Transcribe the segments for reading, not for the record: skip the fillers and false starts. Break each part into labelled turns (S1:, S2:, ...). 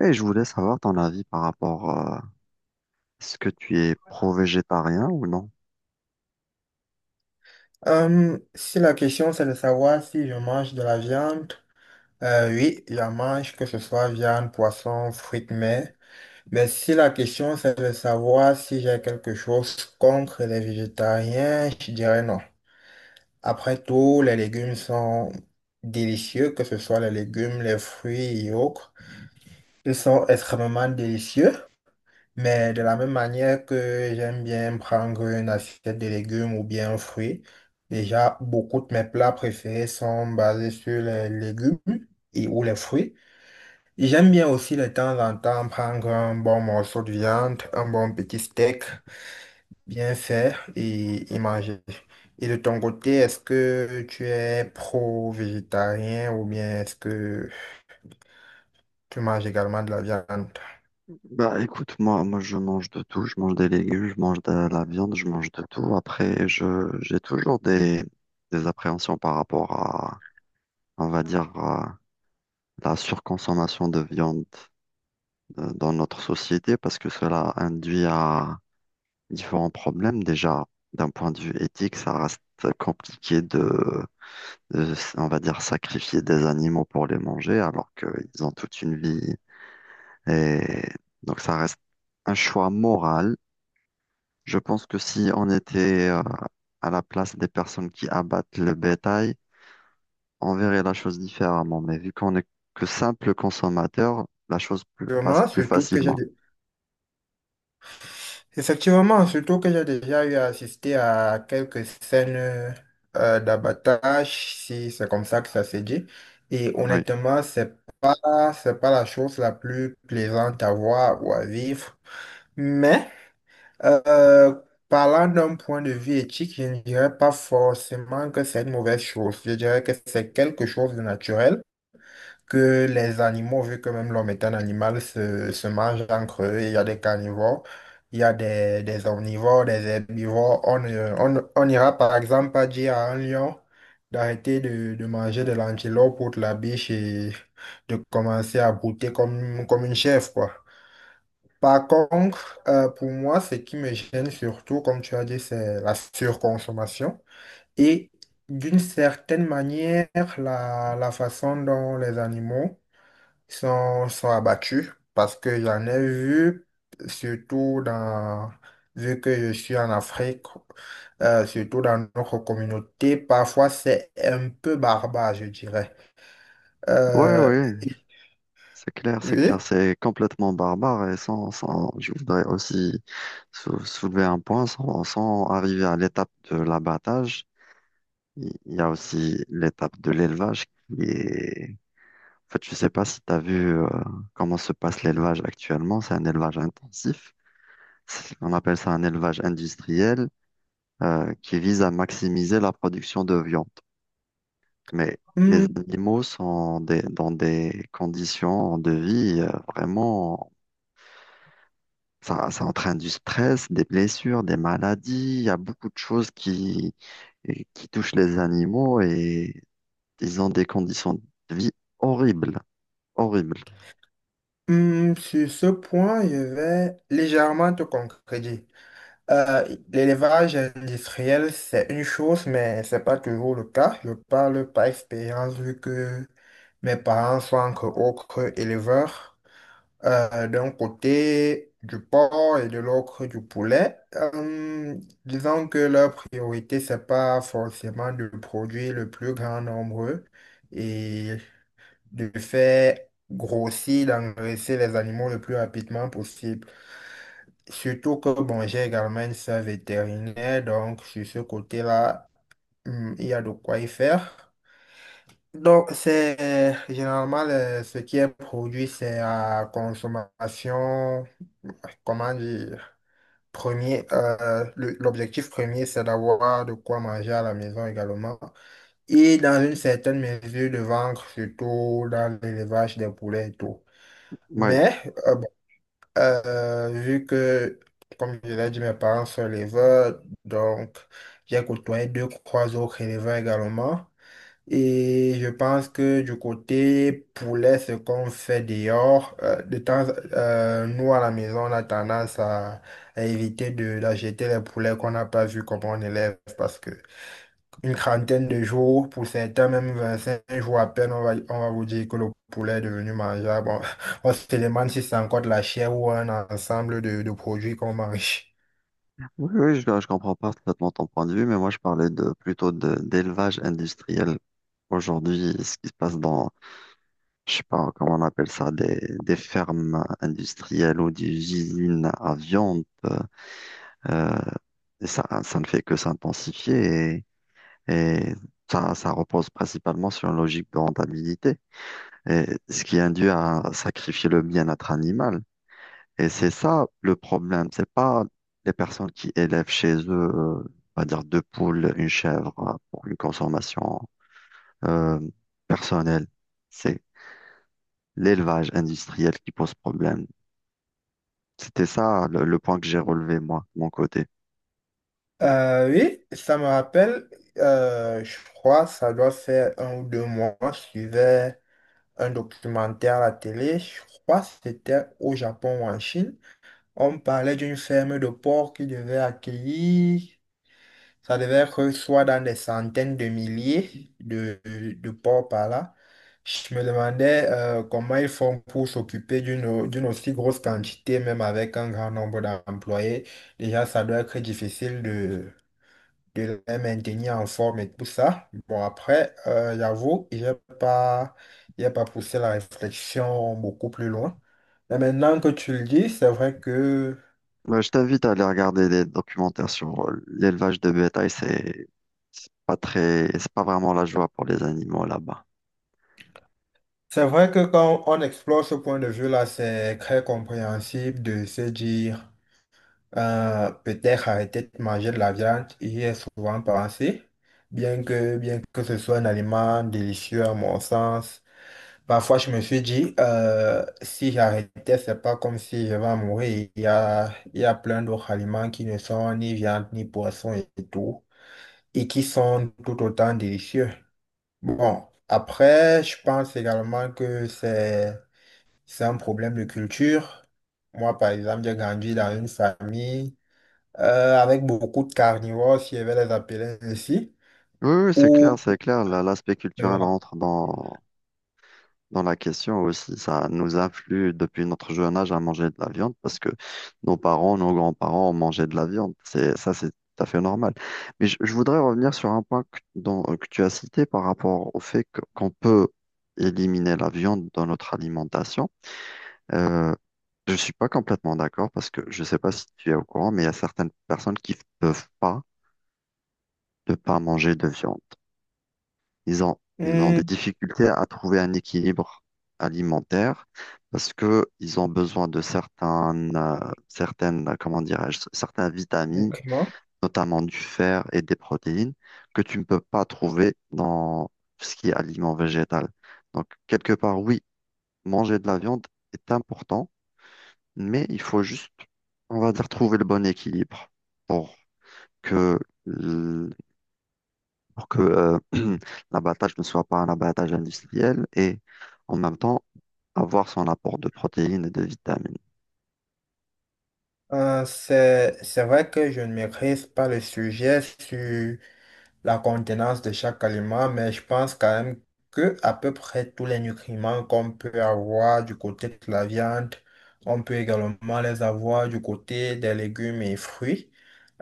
S1: Et je voulais savoir ton avis par rapport à ce que tu es pro-végétarien ou non?
S2: Si la question c'est de savoir si je mange de la viande, oui, je mange que ce soit viande, poisson, fruits de mer. Mais si la question c'est de savoir si j'ai quelque chose contre les végétariens, je dirais non. Après tout, les légumes sont délicieux, que ce soit les légumes, les fruits et autres. Ils sont extrêmement délicieux. Mais de la même manière que j'aime bien prendre une assiette de légumes ou bien un fruit, déjà beaucoup de mes plats préférés sont basés sur les légumes et ou les fruits. J'aime bien aussi de temps en temps prendre un bon morceau de viande, un bon petit steak bien fait et manger. Et de ton côté, est-ce que tu es pro-végétarien ou bien est-ce que tu manges également de la viande?
S1: Bah écoute, moi je mange de tout, je mange des légumes, je mange de la viande, je mange de tout. Après, je j'ai toujours des appréhensions par rapport à, on va dire, à la surconsommation de viande dans notre société parce que cela induit à différents problèmes. Déjà, d'un point de vue éthique, ça reste compliqué de on va dire, sacrifier des animaux pour les manger alors qu'ils ont toute une vie. Et donc ça reste un choix moral. Je pense que si on était à la place des personnes qui abattent le bétail, on verrait la chose différemment. Mais vu qu'on est que simple consommateur, la chose passe
S2: Vraiment,
S1: plus
S2: surtout que j'ai
S1: facilement.
S2: Effectivement, surtout que j'ai déjà eu à assister à quelques scènes d'abattage, si c'est comme ça que ça se dit. Et
S1: Oui,
S2: honnêtement, pas, c'est pas la chose la plus plaisante à voir ou à vivre. Mais euh, parlant d'un point de vue éthique, je ne dirais pas forcément que c'est une mauvaise chose. Je dirais que c'est quelque chose de naturel que les animaux, vu que même l'homme est un animal, se mangent entre eux. Il y a des carnivores, il y a des omnivores, des herbivores. On on ira par exemple pas dire à un lion d'arrêter de manger de l'antilope ou de la biche et de commencer à brouter comme une chèvre, quoi. Par contre, pour moi, ce qui me gêne surtout, comme tu as dit, c'est la surconsommation. Et d'une certaine manière, la façon dont les animaux sont abattus parce que j'en ai vu, surtout dans, vu que je suis en Afrique, surtout dans notre communauté, parfois c'est un peu barbare, je dirais.
S1: oui,
S2: Euh,
S1: oui, c'est clair, c'est
S2: oui,
S1: clair, c'est complètement barbare et sans, sans, je voudrais aussi soulever un point sans arriver à l'étape de l'abattage. Il y a aussi l'étape de l'élevage qui est... En fait, je sais pas si tu as vu comment se passe l'élevage actuellement. C'est un élevage intensif. On appelle ça un élevage industriel qui vise à maximiser la production de viande. Mais les
S2: Hmm,
S1: animaux dans des conditions de vie vraiment... Ça entraîne du stress, des blessures, des maladies. Il y a beaucoup de choses qui touchent les animaux et ils ont des conditions de vie horribles. Horrible.
S2: Sur ce point, je vais légèrement te concrétiser. Euh, L'élevage industriel, c'est une chose, mais c'est pas toujours le cas. Je parle par expérience vu que mes parents sont encore autres éleveurs. D'un côté du porc et de l'autre du poulet. Disons que leur priorité, c'est pas forcément de produire le plus grand nombre et de faire grossir, d'engraisser les animaux le plus rapidement possible. Surtout que, bon, j'ai également une sœur vétérinaire, donc sur ce côté-là, il y a de quoi y faire. Donc, c'est généralement ce qui est produit, c'est à consommation comment dire, premier, l'objectif premier, c'est d'avoir de quoi manger à la maison également. Et dans une certaine mesure, de vendre surtout dans l'élevage des poulets et tout.
S1: Oui.
S2: Mais, vu que, comme je l'ai dit, mes parents sont éleveurs, donc j'ai côtoyé deux, trois autres éleveurs également. Et je pense que du côté poulet, ce qu'on fait dehors, nous à la maison, on a tendance à éviter d'acheter les poulets qu'on n'a pas vu comment on élève parce que une trentaine de jours, pour certains, même 25 jours à peine, on va vous dire que le poulet est devenu mangeable. Bon, on se demande si c'est encore de la chair ou un ensemble de produits qu'on mange.
S1: Oui, oui, je comprends parfaitement ton point de vue, mais moi je parlais de plutôt de d'élevage industriel. Aujourd'hui, ce qui se passe dans, je sais pas comment on appelle ça, des fermes industrielles ou des usines à viande, euh, et ça ne fait que s'intensifier et ça repose principalement sur une logique de rentabilité, et ce qui induit à sacrifier le bien-être animal. Et c'est ça le problème. C'est pas les personnes qui élèvent chez eux, on va dire deux poules, une chèvre pour une consommation euh, personnelle. C'est l'élevage industriel qui pose problème. C'était ça le point que j'ai relevé moi, de mon côté.
S2: Oui, ça me rappelle, je crois, ça doit faire un ou deux mois, je suivais un documentaire à la télé, je crois que c'était au Japon ou en Chine. On parlait d'une ferme de porcs qui devait accueillir, ça devait être soit dans des centaines de milliers de porcs par là. Je me demandais comment ils font pour s'occuper d'une aussi grosse quantité, même avec un grand nombre d'employés. Déjà, ça doit être difficile de les maintenir en forme et tout ça. Bon, après, j'avoue, pas, j'ai pas poussé la réflexion beaucoup plus loin. Mais maintenant que tu le dis,
S1: Moi, je t'invite à aller regarder des documentaires sur l'élevage de bétail. C'est pas très, c'est pas vraiment la joie pour les animaux là-bas.
S2: c'est vrai que quand on explore ce point de vue-là, c'est très compréhensible de se dire, peut-être arrêter de manger de la viande, y est souvent pensé. Bien que ce soit un aliment délicieux à mon sens, parfois, je me suis dit, si j'arrêtais, c'est pas comme si je vais mourir. Il y a plein d'autres aliments qui ne sont ni viande, ni poisson et tout, et qui sont tout autant délicieux. Bon, après, je pense également c'est un problème de culture. Moi, par exemple, j'ai grandi dans une famille avec beaucoup de carnivores, si je vais les appeler ainsi,
S1: Oui, oui, c'est
S2: où...
S1: clair, c'est clair. L'aspect culturel
S2: Voilà.
S1: rentre dans la question aussi, ça nous influe depuis notre jeune âge à manger de la viande parce que nos parents, nos grands-parents ont mangé de la viande. Ça, c'est tout à fait normal. Mais je voudrais revenir sur un point que, dont- que tu as cité par rapport au fait qu'on peut éliminer la viande dans notre alimentation. Euh, je suis pas complètement d'accord parce que je sais pas si tu es au courant, mais il y a certaines personnes qui ne peuvent pas ne pas manger de viande. Ils ont
S2: Hmm,
S1: des difficultés à trouver un équilibre alimentaire parce que ils ont besoin de certaines, comment dirais-je, certaines vitamines,
S2: ok.
S1: notamment du fer et des protéines, que tu ne peux pas trouver dans ce qui est aliment végétal. Donc, quelque part, oui, manger de la viande est important, mais il faut juste, on va dire, trouver le bon équilibre pour que pour que l'abattage ne soit pas un abattage industriel et en même temps avoir son apport de protéines et de vitamines.
S2: C'est vrai que je ne maîtrise pas le sujet sur la contenance de chaque aliment, mais je pense quand même que à peu près tous les nutriments qu'on peut avoir du côté de la viande, on peut également les avoir du côté des légumes et fruits.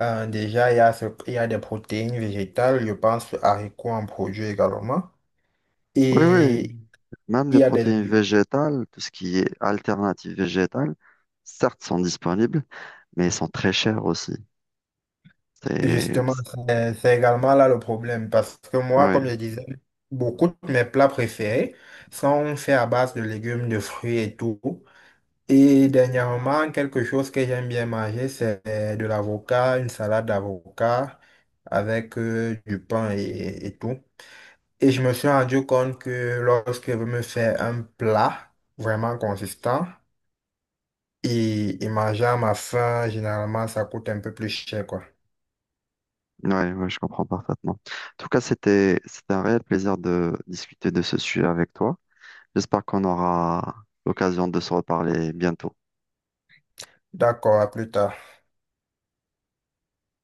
S2: Déjà, il y a des protéines végétales, je pense aux haricots en produit également.
S1: Oui, oui,
S2: Et
S1: même
S2: il
S1: les
S2: y a des
S1: protéines végétales, tout ce qui est alternative végétale, certes sont disponibles, mais elles sont très chères aussi. C'est,
S2: justement, c'est également là le problème. Parce que moi,
S1: ouais,
S2: comme je disais, beaucoup de mes plats préférés sont faits à base de légumes, de fruits et tout. Et dernièrement, quelque chose que j'aime bien manger, c'est de l'avocat, une salade d'avocat avec du pain et tout. Et je me suis rendu compte que lorsque je me fais un plat vraiment consistant et manger à ma faim, généralement, ça coûte un peu plus cher, quoi.
S1: ouais, je comprends parfaitement. En tout cas, c'était un réel plaisir de discuter de ce sujet avec toi. J'espère qu'on aura l'occasion de se reparler bientôt.
S2: D'accord, à plus tard.